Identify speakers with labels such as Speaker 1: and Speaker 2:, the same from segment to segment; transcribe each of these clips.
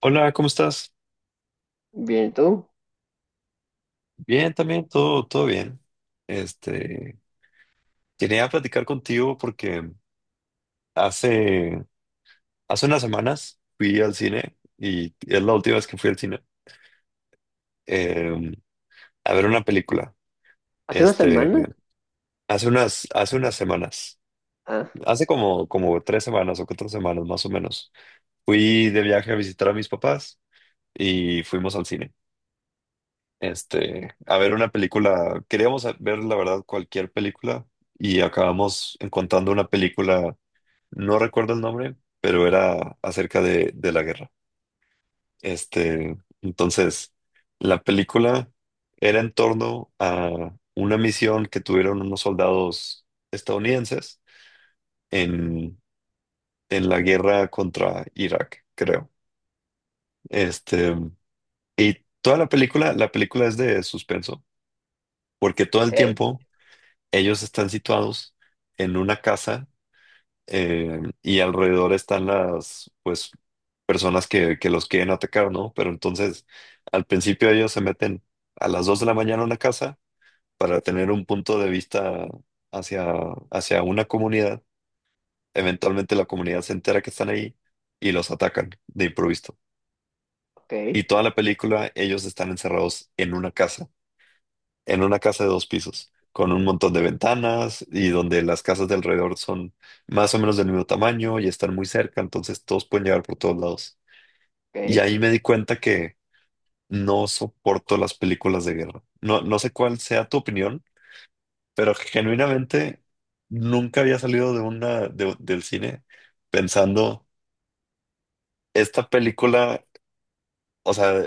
Speaker 1: Hola, ¿cómo estás?
Speaker 2: Bien, ¿y tú?
Speaker 1: Bien, también, todo bien. Este, quería platicar contigo porque hace, hace unas semanas fui al cine y es la última vez que fui al cine eh, a ver una película.
Speaker 2: ¿Hace una
Speaker 1: Este,
Speaker 2: semana?
Speaker 1: hace unas semanas,
Speaker 2: Ah,
Speaker 1: hace como 3 semanas o 4 semanas más o menos, fui de viaje a visitar a mis papás y fuimos al cine. A ver una película. Queríamos ver, la verdad, cualquier película y acabamos encontrando una película, no recuerdo el nombre, pero era acerca de la guerra. Este, entonces, la película era en torno a una misión que tuvieron unos soldados estadounidenses en, en la guerra contra Irak, creo. Este, y toda la película es de suspenso, porque todo
Speaker 2: ok,
Speaker 1: el tiempo ellos están situados en una casa y alrededor están las, pues, personas que los quieren atacar, ¿no? Pero entonces, al principio ellos se meten a las 2 de la mañana a una casa para tener un punto de vista hacia, hacia una comunidad. Eventualmente la comunidad se entera que están ahí y los atacan de improviso.
Speaker 2: ok,
Speaker 1: Y toda la película ellos están encerrados en una casa de dos pisos, con un montón de ventanas y donde las casas de alrededor son más o menos del mismo tamaño y están muy cerca, entonces todos pueden llegar por todos lados. Y
Speaker 2: ok.
Speaker 1: ahí me di cuenta que no soporto las películas de guerra. No, no sé cuál sea tu opinión, pero genuinamente nunca había salido de una del cine pensando esta película, o sea,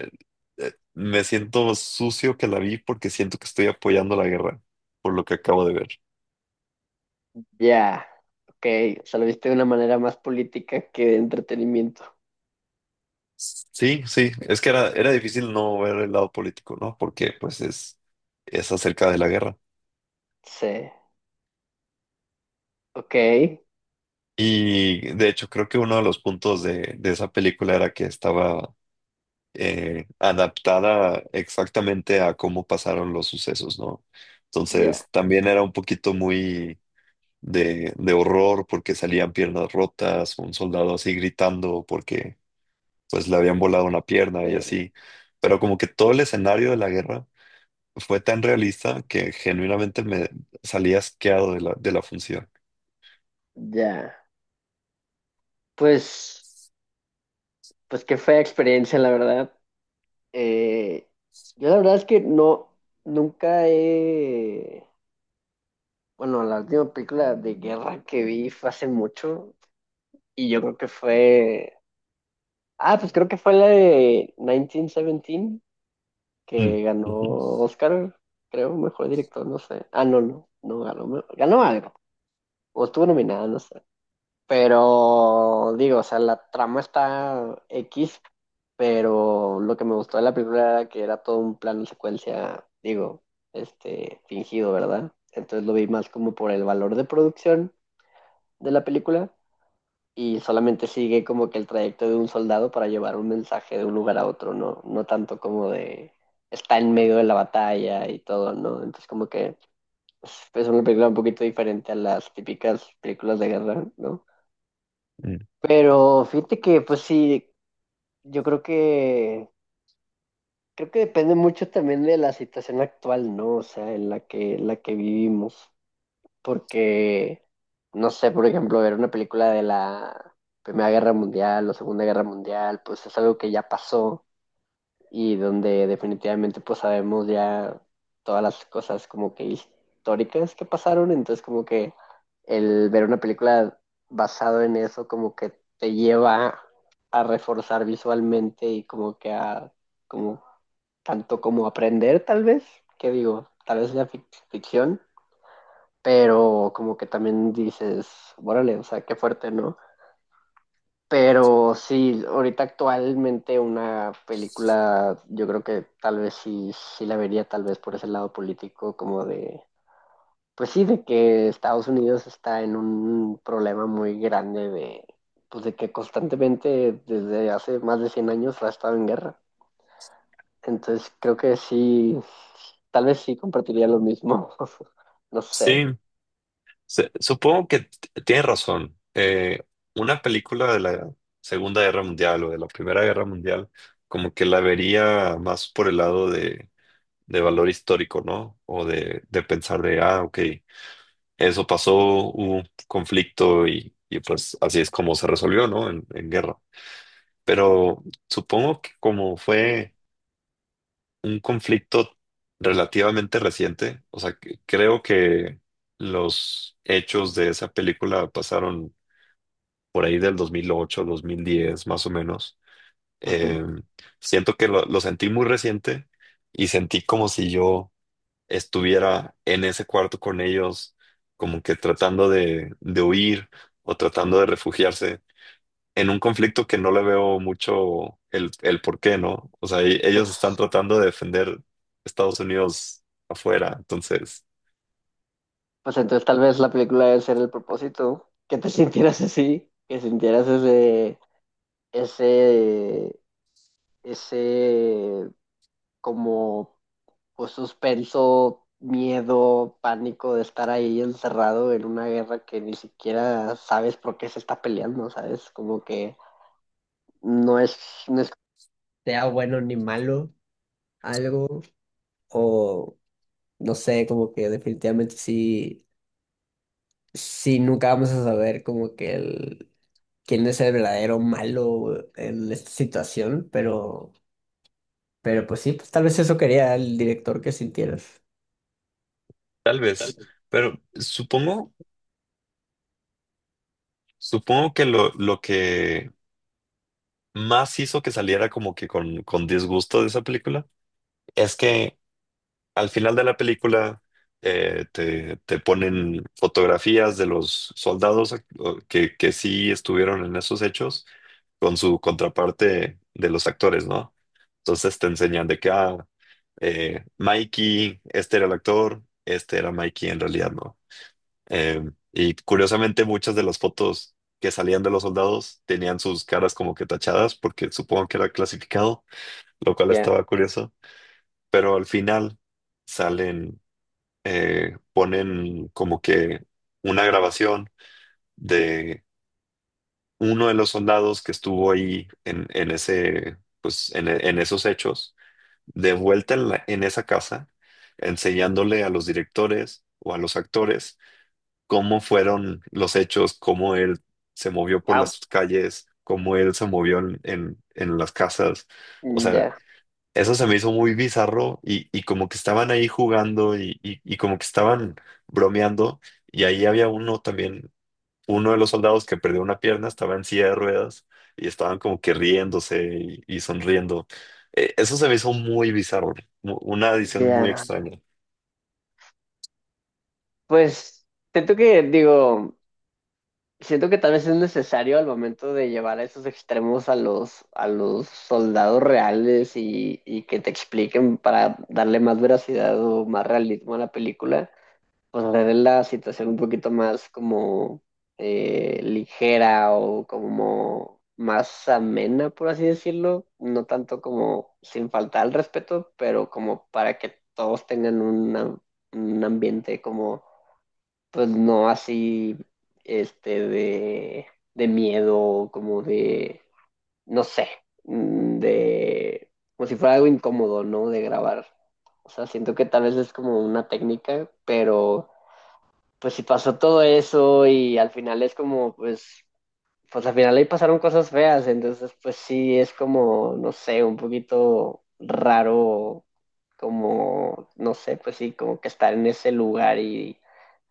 Speaker 1: me siento sucio que la vi porque siento que estoy apoyando la guerra por lo que acabo de ver.
Speaker 2: Ya, ok. O sea, lo viste de una manera más política que de entretenimiento.
Speaker 1: Sí, sí, es que era difícil no ver el lado político, ¿no? Porque pues es acerca de la guerra.
Speaker 2: Sí, ok,
Speaker 1: Y de hecho creo que uno de los puntos de esa película era que estaba adaptada exactamente a cómo pasaron los sucesos, ¿no?
Speaker 2: ya,
Speaker 1: Entonces también era un poquito muy de horror porque salían piernas rotas, un soldado así gritando porque pues le habían volado una pierna y
Speaker 2: eh,
Speaker 1: así. Pero como que todo el escenario de la guerra fue tan realista que genuinamente me salí asqueado de de la función.
Speaker 2: ya. Pues, pues qué fea experiencia, la verdad. Eh, yo la verdad es que no, nunca he... Bueno, la última película de guerra que vi fue hace mucho y yo creo que fue... Ah, pues creo que fue la de 1917
Speaker 1: Mm,
Speaker 2: que ganó
Speaker 1: ujú,
Speaker 2: Oscar, creo, mejor director, no sé. Ah, no, no, no ganó, me- ganó algo, o estuvo nominada, no sé. Pero digo, o sea, la trama está X, pero lo que me gustó de la película era que era todo un plano secuencia, digo, este, fingido, ¿verdad? Entonces lo vi más como por el valor de producción de la película y solamente sigue como que el trayecto de un soldado para llevar un mensaje de un lugar a otro, ¿no? No tanto como de está en medio de la batalla y todo, ¿no? Entonces como que es una película un poquito diferente a las típicas películas de guerra, ¿no?
Speaker 1: mm.
Speaker 2: Pero fíjate que pues sí, yo creo que depende mucho también de la situación actual, ¿no? O sea, en la que vivimos. Porque, no sé, por ejemplo, ver una película de la Primera Guerra Mundial o Segunda Guerra Mundial, pues es algo que ya pasó y donde definitivamente pues sabemos ya todas las cosas como que históricas que pasaron, entonces como que el ver una película basado en eso como que te lleva a reforzar visualmente y como que a como tanto como aprender tal vez, que digo, tal vez la fic- ficción, pero como que también dices, órale, o sea, qué fuerte, ¿no? Pero sí, ahorita actualmente una película, yo creo que tal vez sí, sí la vería tal vez por ese lado político, como de, pues sí, de que Estados Unidos está en un problema muy grande de, pues de que constantemente desde hace más de 100 años ha estado en guerra. Entonces creo que sí, tal vez sí compartiría lo mismo, no sé.
Speaker 1: Sí, supongo que tienes razón. Una película de la Segunda Guerra Mundial o de la Primera Guerra Mundial, como que la vería más por el lado de valor histórico, ¿no? O de pensar de, ah, ok, eso pasó, hubo un conflicto y pues así es como se resolvió, ¿no? En guerra. Pero supongo que como fue un conflicto relativamente reciente. O sea, creo que los hechos de esa película pasaron por ahí del 2008 2010 más o menos.
Speaker 2: Ujú.
Speaker 1: Eh, siento que lo sentí muy reciente y sentí como si yo estuviera en ese cuarto con ellos, como que tratando de huir o tratando de refugiarse en un conflicto que no le veo mucho el por qué, ¿no? O sea, ellos están
Speaker 2: Pues,
Speaker 1: tratando de defender Estados Unidos afuera, entonces,
Speaker 2: pues entonces tal vez la película debe ser el propósito, ¿no? Que te sintieras así, que sintieras ese, ese, ese, como pues suspenso, miedo, pánico de estar ahí encerrado en una guerra que ni siquiera sabes por qué se está peleando, ¿sabes? Como que no es, no es sea bueno ni malo algo, o no sé, como que definitivamente sí. Sí, nunca vamos a saber como que el, quién es el verdadero malo en esta situación, pero pues sí, pues tal vez eso quería el director que sintieras.
Speaker 1: tal vez, pero supongo, supongo que lo que más hizo que saliera como que con disgusto de esa película es que al final de la película te ponen fotografías de los soldados que sí estuvieron en esos hechos con su contraparte de los actores, ¿no? Entonces te enseñan de que, ah, Mikey, este era el actor, este era Mikey en realidad, ¿no? Eh, y curiosamente muchas de las fotos que salían de los soldados tenían sus caras como que tachadas porque supongo que era clasificado, lo cual
Speaker 2: Ya,
Speaker 1: estaba curioso, pero al final salen ponen como que una grabación de uno de los soldados que estuvo ahí en ese, pues, en esos hechos, de vuelta en, en esa casa, enseñándole a los directores o a los actores cómo fueron los hechos, cómo él se movió por
Speaker 2: wow,
Speaker 1: las calles, cómo él se movió en las casas. O sea,
Speaker 2: ya,
Speaker 1: eso se me hizo muy bizarro y como que estaban ahí jugando y como que estaban bromeando y ahí había uno también, uno de los soldados que perdió una pierna, estaba en silla de ruedas y estaban como que riéndose y sonriendo. Eso se me hizo muy bizarro, una edición muy
Speaker 2: ya.
Speaker 1: extraña.
Speaker 2: Pues siento que, digo, siento que tal vez es necesario al momento de llevar a esos extremos a los soldados reales y que te expliquen para darle más veracidad o más realismo a la película. Pues le dé la situación un poquito más como ligera o como más amena, por así decirlo, no tanto como sin faltar al respeto, pero como para que todos tengan una- un ambiente como, pues no así, este, de miedo, como de, no sé, de, como si fuera algo incómodo, ¿no? De grabar. O sea, siento que tal vez es como una técnica, pero pues sí pasó todo eso y al final es como, pues, pues al final ahí pasaron cosas feas, entonces pues sí es como, no sé, un poquito raro, como, no sé, pues sí, como que estar en ese lugar y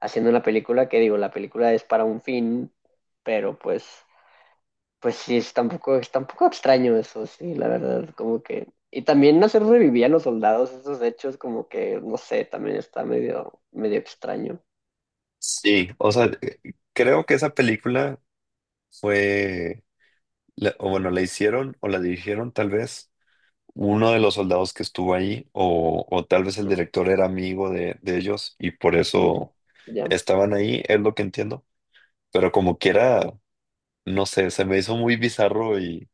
Speaker 2: haciendo una película que digo, la película es para un fin, pero pues, pues sí, es tampoco extraño eso, sí, la verdad, como que... Y también hacer revivir a los soldados, esos hechos como que, no sé, también está medio, medio extraño.
Speaker 1: Sí, o sea, creo que esa película fue, o bueno, la hicieron o la dirigieron tal vez uno de los soldados que estuvo ahí, o tal vez el director era amigo de ellos y por
Speaker 2: Mm,
Speaker 1: eso
Speaker 2: ya.
Speaker 1: estaban ahí, es lo que entiendo. Pero como quiera, no sé, se me hizo muy bizarro y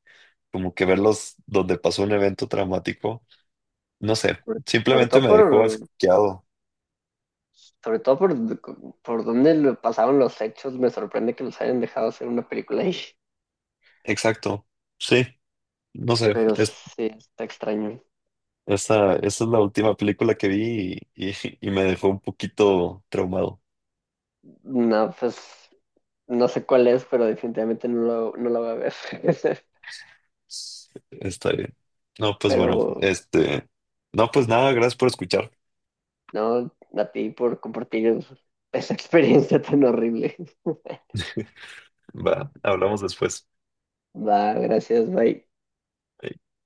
Speaker 1: como que verlos donde pasó un evento traumático, no sé,
Speaker 2: Sobre, sobre
Speaker 1: simplemente
Speaker 2: todo
Speaker 1: me dejó
Speaker 2: por,
Speaker 1: asqueado.
Speaker 2: sobre todo por dónde lo pasaron los hechos, me sorprende que los hayan dejado hacer una película ahí.
Speaker 1: Exacto, sí, no sé,
Speaker 2: Pero
Speaker 1: es,
Speaker 2: sí, está extraño.
Speaker 1: esa es la última película que vi y, y me dejó un poquito traumado.
Speaker 2: No, pues no sé cuál es, pero definitivamente no, lo, no la voy a ver.
Speaker 1: Está bien. No, pues bueno,
Speaker 2: Pero
Speaker 1: este. No, pues nada, gracias por escuchar.
Speaker 2: no, a ti por compartir esa experiencia tan horrible.
Speaker 1: Va, hablamos después.
Speaker 2: Va, gracias, bye.
Speaker 1: Ahí.